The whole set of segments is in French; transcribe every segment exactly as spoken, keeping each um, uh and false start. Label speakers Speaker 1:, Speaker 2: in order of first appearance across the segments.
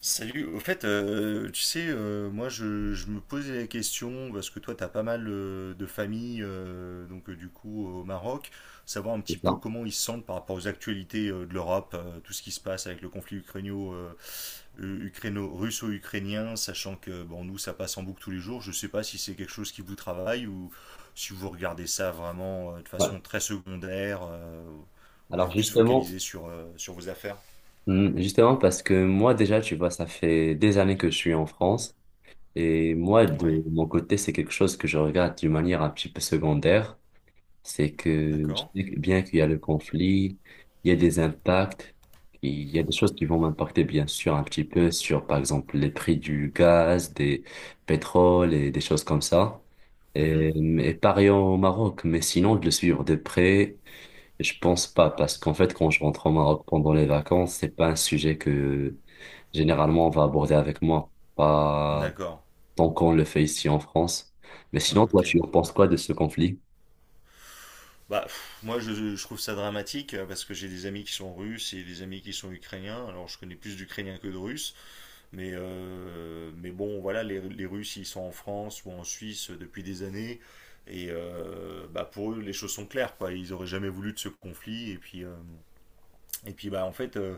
Speaker 1: Salut, au fait, euh, tu sais, euh, moi je, je me posais la question, parce que toi t'as pas mal euh, de familles, euh, donc euh, du coup au Maroc, savoir un
Speaker 2: C'est
Speaker 1: petit peu
Speaker 2: ça.
Speaker 1: comment ils se sentent par rapport aux actualités euh, de l'Europe, euh, tout ce qui se passe avec le conflit ukrainio, euh, ukraino, russo-ukrainien, sachant que bon nous ça passe en boucle tous les jours. Je sais pas si c'est quelque chose qui vous travaille ou si vous regardez ça vraiment euh, de
Speaker 2: Ouais.
Speaker 1: façon très secondaire, euh, vous
Speaker 2: Alors
Speaker 1: êtes plus
Speaker 2: justement,
Speaker 1: focalisé sur, euh, sur vos affaires.
Speaker 2: hmm, justement parce que moi déjà, tu vois, ça fait des années que je suis en France, et moi de
Speaker 1: Ouais,
Speaker 2: mon côté, c'est quelque chose que je regarde d'une manière un petit peu secondaire. C'est que je
Speaker 1: d'accord.
Speaker 2: sais que bien qu'il y a le conflit, il y a des impacts, il y a des choses qui vont m'impacter bien sûr un petit peu sur par exemple les prix du gaz, des pétroles et des choses comme ça.
Speaker 1: Mhm.
Speaker 2: Et, et pareil au Maroc, mais sinon de le suivre de près, je pense pas, parce qu'en fait, quand je rentre au Maroc pendant les vacances, c'est pas un sujet que généralement on va aborder avec moi, pas
Speaker 1: D'accord.
Speaker 2: tant qu'on le fait ici en France. Mais sinon,
Speaker 1: Ok.
Speaker 2: toi, tu en penses quoi de ce conflit?
Speaker 1: Bah, pff, moi, je, je trouve ça dramatique, euh, parce que j'ai des amis qui sont russes et des amis qui sont ukrainiens. Alors, je connais plus d'Ukrainiens que de Russes, mais, euh, mais bon, voilà, les, les Russes, ils sont en France ou en Suisse depuis des années. Et euh, bah, pour eux, les choses sont claires, quoi. Ils auraient jamais voulu de ce conflit. Et puis, euh, et puis bah, en fait, euh,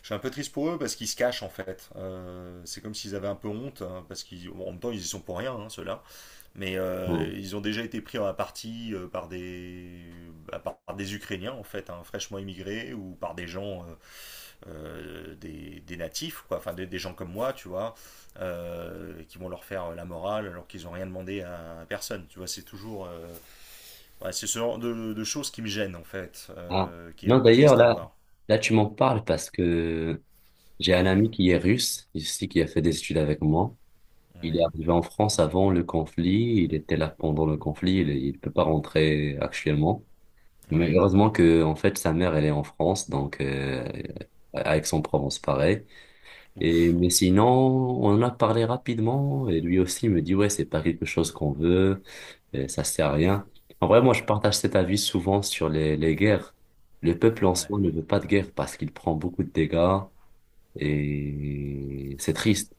Speaker 1: je suis un peu triste pour eux parce qu'ils se cachent, en fait. Euh, c'est comme s'ils avaient un peu honte, hein, parce qu'en même temps, ils y sont pour rien, hein, ceux-là. Mais euh,
Speaker 2: Non.
Speaker 1: ils ont déjà été pris à partie, euh, par des, bah, par, par des Ukrainiens, en fait, hein, fraîchement immigrés, ou par des gens, euh, euh, des, des natifs, quoi, enfin des, des gens comme moi, tu vois, euh, qui vont leur faire euh, la morale alors qu'ils n'ont rien demandé à personne. Tu vois, c'est toujours, euh, ouais, c'est ce genre de, de choses qui me gênent, en fait,
Speaker 2: Ah.
Speaker 1: euh, qui est
Speaker 2: Non,
Speaker 1: un peu
Speaker 2: d'ailleurs,
Speaker 1: triste à
Speaker 2: là,
Speaker 1: voir.
Speaker 2: là, tu m'en parles parce que j'ai un ami qui est russe, ici, qui a fait des études avec moi. Il est
Speaker 1: Ouais,
Speaker 2: arrivé en France avant le conflit, il était là pendant le conflit, il ne peut pas rentrer actuellement. Mais
Speaker 1: ouais,
Speaker 2: heureusement que, en fait, sa mère, elle est en France, donc euh, à Aix-en-Provence, pareil. Et
Speaker 1: ouf,
Speaker 2: mais sinon, on en a parlé rapidement, et lui aussi me dit ouais, c'est pas quelque chose qu'on veut, et ça sert à rien. En vrai, moi, je partage cet avis souvent sur les, les guerres. Le peuple en
Speaker 1: ouais,
Speaker 2: soi ne veut pas de guerre parce qu'il prend beaucoup de dégâts et c'est triste.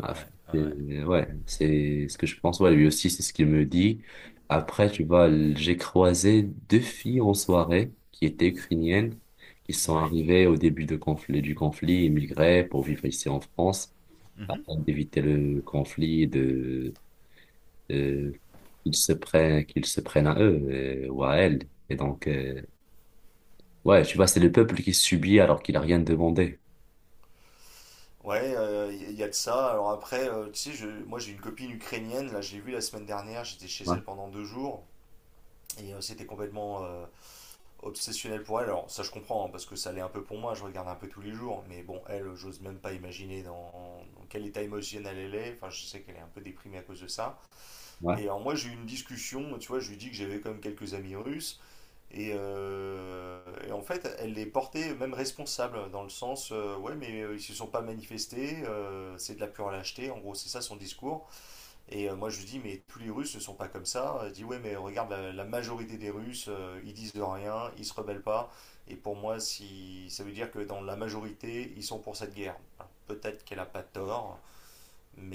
Speaker 2: Ah,
Speaker 1: ouais, ouais,
Speaker 2: c'est- ouais, c'est ce que je pense. Ouais, lui aussi, c'est ce qu'il me dit. Après, tu vois, l- j'ai croisé deux filles en soirée qui étaient ukrainiennes, qui sont
Speaker 1: ouais.
Speaker 2: arrivées au début de conflit, du conflit, immigrées pour vivre ici en France,
Speaker 1: Mhm.
Speaker 2: afin d'éviter le conflit, de, de qu'ils se prennent, qu'ils se prennent à eux euh, ou à elles. Et donc, euh, ouais, tu vois, c'est le peuple qui subit alors qu'il a rien demandé.
Speaker 1: Ouais, euh, il y a de ça. Alors après, euh, tu sais, je, moi j'ai une copine ukrainienne, là j'ai vu la semaine dernière, j'étais chez
Speaker 2: Ouais,
Speaker 1: elle pendant deux jours, et euh, c'était complètement, euh, obsessionnel pour elle. Alors ça je comprends, hein, parce que ça l'est un peu pour moi, je regarde un peu tous les jours, mais bon, elle, j'ose même pas imaginer dans, dans quel état émotionnel elle est. Enfin, je sais qu'elle est un peu déprimée à cause de ça.
Speaker 2: ouais.
Speaker 1: Et alors moi j'ai eu une discussion, tu vois, je lui dis que j'avais quand même quelques amis russes, et, euh, et en fait, elle les portait même responsables, dans le sens, euh, ouais, mais euh, ils se sont pas manifestés, euh, c'est de la pure lâcheté, en gros, c'est ça son discours. Et euh, moi, je lui dis, mais tous les Russes ne sont pas comme ça. Elle dit, ouais, mais regarde, la, la majorité des Russes, euh, ils disent de rien, ils se rebellent pas. Et pour moi, si, ça veut dire que dans la majorité, ils sont pour cette guerre. Alors, peut-être qu'elle a pas tort,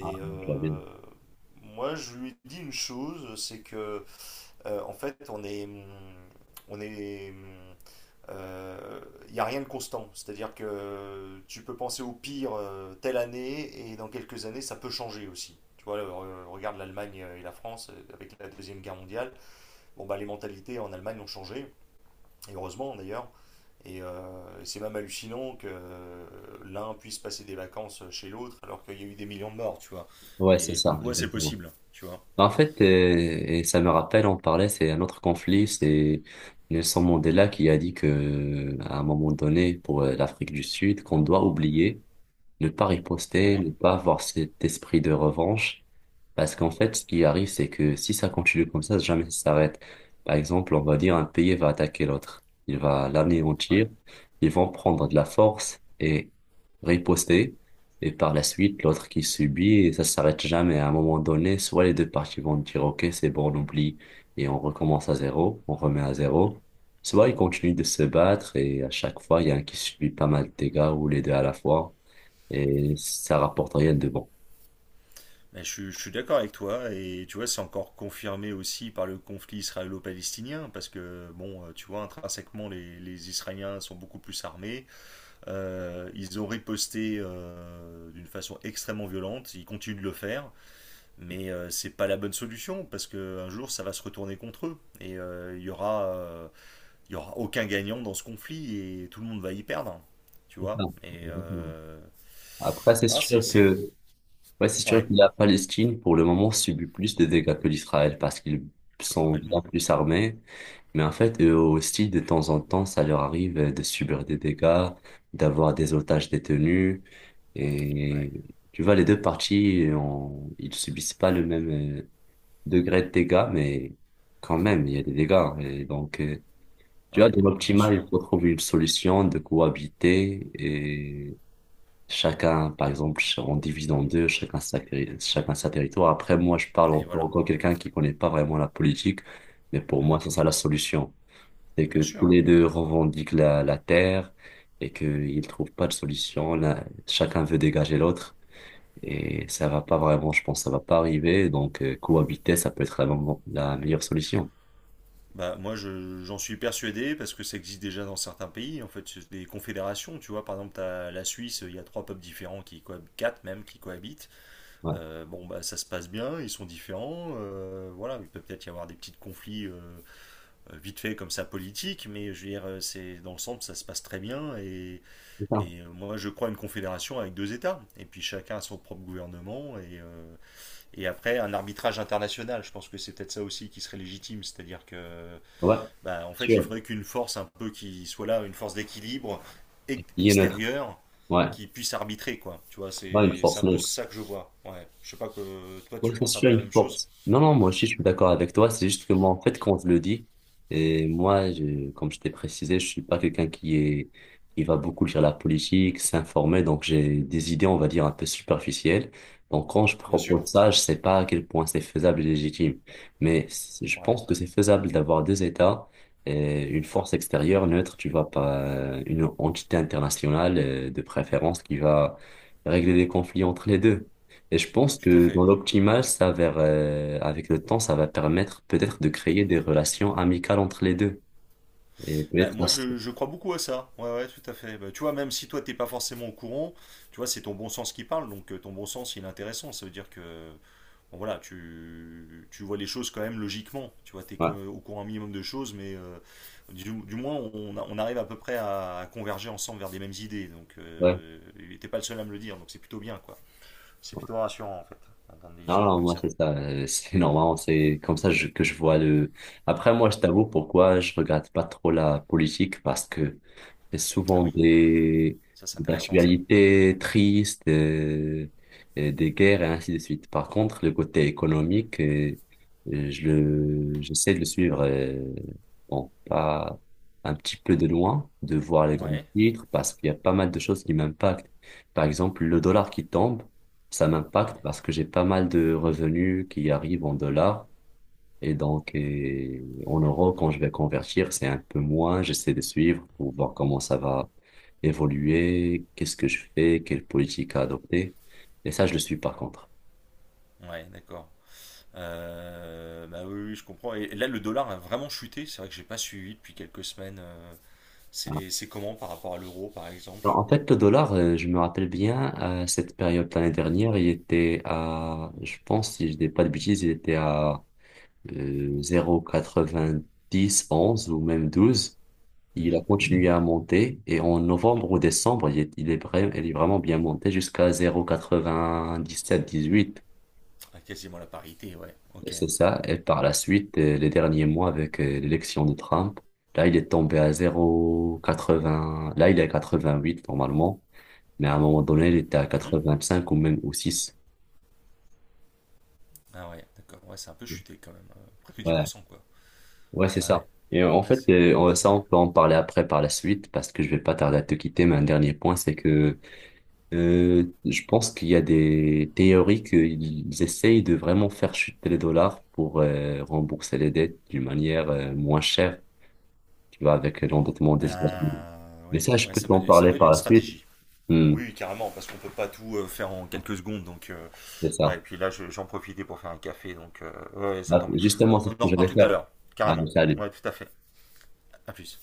Speaker 2: Ah, je vois bien.
Speaker 1: euh, moi, je lui dis une chose, c'est que, euh, en fait, on est. hum, On est. hum, il euh, n'y a rien de constant. C'est-à-dire que tu peux penser au pire, euh, telle année, et dans quelques années, ça peut changer aussi. Tu vois, euh, regarde l'Allemagne et la France, euh, avec la Deuxième Guerre mondiale. Bon, bah, les mentalités en Allemagne ont changé, et heureusement d'ailleurs. Et euh, c'est même hallucinant que euh, l'un puisse passer des vacances chez l'autre alors qu'il y a eu des millions de morts, tu vois.
Speaker 2: Ouais, c'est
Speaker 1: Et comme
Speaker 2: ça,
Speaker 1: quoi c'est
Speaker 2: exactement.
Speaker 1: possible, tu vois.
Speaker 2: Bah, en fait, euh, et ça me rappelle, on parlait, c'est un autre conflit, c'est Nelson Mandela qui a dit que, à un moment donné, pour euh, l'Afrique du Sud, qu'on doit oublier. Ne pas riposter,
Speaker 1: Ouais,
Speaker 2: ne pas avoir cet esprit de revanche. Parce qu'en fait, ce qui arrive, c'est que si ça continue comme ça, jamais ça s'arrête. Par exemple, on va dire un pays va attaquer l'autre. Il va l'anéantir.
Speaker 1: ouais.
Speaker 2: Ils vont prendre de la force et riposter. Et par la suite, l'autre qui subit, et ça s'arrête jamais. À un moment donné, soit les deux parties vont dire, OK, c'est bon, on oublie et on recommence à zéro, on remet à zéro. Soit ils continuent de se battre et à chaque fois, il y a un qui subit pas mal de dégâts ou les deux à la fois, et ça rapporte rien de bon.
Speaker 1: Ben, je, suis- je suis d'accord avec toi, et tu vois, c'est encore confirmé aussi par le conflit israélo-palestinien, parce que bon, euh, tu vois, intrinsèquement, les, les Israéliens sont beaucoup plus armés. Euh, ils ont riposté euh, d'une façon extrêmement violente, ils continuent de le faire, mais euh, c'est pas la bonne solution, parce que un jour ça va se retourner contre eux, et euh, il y aura euh, il y aura aucun gagnant dans ce conflit, et tout le monde va y perdre, tu
Speaker 2: C'est ça.
Speaker 1: vois. Et
Speaker 2: Exactement.
Speaker 1: euh,
Speaker 2: Après, c'est
Speaker 1: non, c'est
Speaker 2: sûr
Speaker 1: c'est-
Speaker 2: que, ouais, c'est sûr
Speaker 1: ouais,
Speaker 2: que la Palestine, pour le moment, subit plus de dégâts que l'Israël parce qu'ils sont bien
Speaker 1: complètement.
Speaker 2: plus armés. Mais en fait, eux aussi, de temps en temps, ça leur arrive euh, de subir des dégâts, d'avoir des otages détenus.
Speaker 1: Ouais.
Speaker 2: Et tu vois, les deux parties, euh, ils subissent pas le même euh, degré de dégâts, mais quand même, il y a des dégâts, hein. Et donc, euh, tu vois,
Speaker 1: Ouais,
Speaker 2: dans
Speaker 1: bien
Speaker 2: l'optimal,
Speaker 1: sûr.
Speaker 2: il faut trouver une solution de cohabiter, et chacun, par exemple, ch- on divise en deux, chacun sa, cri- chacun sa territoire. Après, moi, je parle
Speaker 1: Et
Speaker 2: encore
Speaker 1: voilà.
Speaker 2: tant quelqu'un qui connaît pas vraiment la politique, mais pour
Speaker 1: Mhm.
Speaker 2: moi, c'est ça la solution. C'est que
Speaker 1: Bien
Speaker 2: tous
Speaker 1: sûr.
Speaker 2: les deux revendiquent la, la terre et qu'ils ne trouvent pas de solution. Là, chacun veut dégager l'autre et ça va pas vraiment, je pense, ça va pas arriver. Donc, euh, cohabiter, ça peut être la, mo- la meilleure solution.
Speaker 1: Bah, moi, je- j'en suis persuadé parce que ça existe déjà dans certains pays. En fait, c'est des confédérations, tu vois. Par exemple, t'as la Suisse, il y a trois peuples différents qui cohabitent, quatre même, qui cohabitent.
Speaker 2: Ouais,
Speaker 1: Euh, bon, bah, ça se passe bien, ils sont différents, euh, voilà, il peut peut-être y avoir des petits conflits, euh, euh, vite fait comme ça, politiques, mais je veux dire, euh, c'est, dans l'ensemble, ça se passe très bien. Et,
Speaker 2: c'est ça.
Speaker 1: et, euh, moi, je crois à une confédération avec deux États. Et puis chacun a son propre gouvernement et, euh, Et après, un arbitrage international, je pense que c'est peut-être ça aussi qui serait légitime, c'est-à-dire que,
Speaker 2: Ouais,
Speaker 1: bah, en fait, il
Speaker 2: sûr.
Speaker 1: faudrait qu'une force un peu qui soit là, une force d'équilibre ex-
Speaker 2: Il est neutre.
Speaker 1: extérieure,
Speaker 2: Ouais.
Speaker 1: qui puisse arbitrer, quoi. Tu vois,
Speaker 2: Pas une
Speaker 1: c'est c'est
Speaker 2: force,
Speaker 1: un
Speaker 2: non.
Speaker 1: peu ça que je vois. Ouais. Je sais pas que toi,
Speaker 2: Ouais,
Speaker 1: tu
Speaker 2: c'est
Speaker 1: penses un
Speaker 2: sûr,
Speaker 1: peu la
Speaker 2: une
Speaker 1: même chose.
Speaker 2: force. Non, non, moi aussi, je suis d'accord avec toi. C'est juste que moi, en fait, quand je le dis, et moi, je, comme je t'ai précisé, je suis pas quelqu'un qui est, qui va beaucoup lire la politique, s'informer. Donc, j'ai des idées, on va dire, un peu superficielles. Donc, quand je
Speaker 1: Bien sûr.
Speaker 2: propose ça, je sais pas à quel point c'est faisable et légitime. Mais c'est- je
Speaker 1: Ouais.
Speaker 2: pense que c'est faisable d'avoir deux États, et une force extérieure neutre, tu vois, pas une entité internationale, euh, de préférence qui va régler les conflits entre les deux. Et je pense
Speaker 1: Tout à
Speaker 2: que dans
Speaker 1: fait.
Speaker 2: l'optimal, ça va, euh, avec le temps, ça va permettre peut-être de créer des relations amicales entre les deux. Et
Speaker 1: Bah,
Speaker 2: peut-être là,
Speaker 1: moi,
Speaker 2: c'est-
Speaker 1: je, je crois beaucoup à ça. Ouais, ouais, tout à fait. Bah, tu vois, même si toi, t'es pas forcément au courant, tu vois, c'est ton bon sens qui parle. Donc, euh, ton bon sens, il est intéressant. Ça veut dire que, bon, voilà, tu, tu vois les choses quand même logiquement. Tu vois, t'es co-
Speaker 2: ouais,
Speaker 1: au courant un minimum de choses, mais euh, du, du moins, on, a- on arrive à peu près à, à converger ensemble vers des mêmes idées. Donc,
Speaker 2: ouais,
Speaker 1: euh, t'es pas le seul à me le dire. Donc, c'est plutôt bien, quoi. C'est
Speaker 2: ouais.
Speaker 1: plutôt rassurant, en fait, d'entendre des
Speaker 2: Non,
Speaker 1: discours
Speaker 2: non,
Speaker 1: comme
Speaker 2: moi,
Speaker 1: ça.
Speaker 2: c'est ça, euh, c'est normal. C'est comme ça je- que je vois le. Après, moi, je t'avoue pourquoi je regarde pas trop la politique, parce que c'est
Speaker 1: Ah
Speaker 2: souvent
Speaker 1: oui,
Speaker 2: des,
Speaker 1: ça, c'est
Speaker 2: des
Speaker 1: intéressant, ça.
Speaker 2: actualités tristes, euh, et des guerres et ainsi de suite. Par contre, le côté économique, euh, euh, je le, j'essaie de le suivre, euh, bon, pas un petit peu de loin, de voir les grands
Speaker 1: Ouais,
Speaker 2: titres, parce qu'il y a pas mal de choses qui m'impactent. Par exemple, le dollar qui tombe, ça m'impacte
Speaker 1: ouais,
Speaker 2: parce que j'ai pas mal de revenus qui arrivent en dollars. Et donc, et en euros, quand je vais convertir, c'est un peu moins. J'essaie de suivre pour voir comment ça va évoluer, qu'est-ce que je fais, quelle politique à adopter. Et ça, je le suis par contre.
Speaker 1: ouais, d'accord. Euh, bah oui, oui, je comprends. Et là, le dollar a vraiment chuté. C'est vrai que j'ai pas suivi depuis quelques semaines, euh,
Speaker 2: Voilà.
Speaker 1: c'est c'est comment par rapport à l'euro, par
Speaker 2: Alors,
Speaker 1: exemple?
Speaker 2: en fait, le dollar, euh, je me rappelle bien, à cette période l'année dernière, il était à, je pense, si je dis pas de bêtises, il était à euh, dix, onze ou même douze Il
Speaker 1: Mhm,
Speaker 2: a continué à monter et en
Speaker 1: mhm.
Speaker 2: novembre ou décembre, il est, il est, vrai- il est vraiment bien monté jusqu'à zéro virgule quatre-vingt-dix-sept-dix-huit.
Speaker 1: Ah, quasiment la parité, ouais.
Speaker 2: Et
Speaker 1: Ok.
Speaker 2: c'est ça. Et par la suite, euh, les derniers mois avec euh, l'élection de Trump, là, il est tombé à zéro virgule quatre-vingts. Là, il est à huit normalement. Mais à un moment donné, il était à
Speaker 1: Mhm.
Speaker 2: quatre-vingt-cinq ou même au six.
Speaker 1: Ah ouais, d'accord. Ouais, c'est un peu chuté quand même, euh, presque dix
Speaker 2: Ouais,
Speaker 1: pour cent, quoi.
Speaker 2: ouais, c'est
Speaker 1: Ouais,
Speaker 2: ça. Et en
Speaker 1: ouais,
Speaker 2: fait,
Speaker 1: c'est...
Speaker 2: euh, on- ça,
Speaker 1: Ouais.
Speaker 2: on peut en parler après par la suite parce que je vais pas tarder à te quitter. Mais un dernier point, c'est que Euh, je pense qu'il y a des théories qu'ils essayent de vraiment faire chuter les dollars pour euh, rembourser les dettes d'une manière euh, moins chère, tu vois, avec l'endettement des États-Unis.
Speaker 1: Ah,
Speaker 2: Mais
Speaker 1: ouais,
Speaker 2: ça, je
Speaker 1: ouais,
Speaker 2: peux
Speaker 1: ça
Speaker 2: t'en
Speaker 1: peut être, ça
Speaker 2: parler
Speaker 1: peut être
Speaker 2: par
Speaker 1: une
Speaker 2: la suite.
Speaker 1: stratégie.
Speaker 2: Hmm,
Speaker 1: Oui, carrément, parce qu'on peut pas tout euh, faire en quelques secondes. Donc, euh,
Speaker 2: c'est
Speaker 1: ouais,
Speaker 2: ça.
Speaker 1: et puis là, je- j'en profitais pour faire un café. Donc, euh, ouais, ouais, ça
Speaker 2: Ah,
Speaker 1: tombe. On
Speaker 2: justement, c'est ce
Speaker 1: en
Speaker 2: que
Speaker 1: reparle
Speaker 2: j'allais
Speaker 1: tout à
Speaker 2: faire.
Speaker 1: l'heure,
Speaker 2: Ah, mais
Speaker 1: carrément.
Speaker 2: ça,
Speaker 1: Ouais, tout à fait. À plus.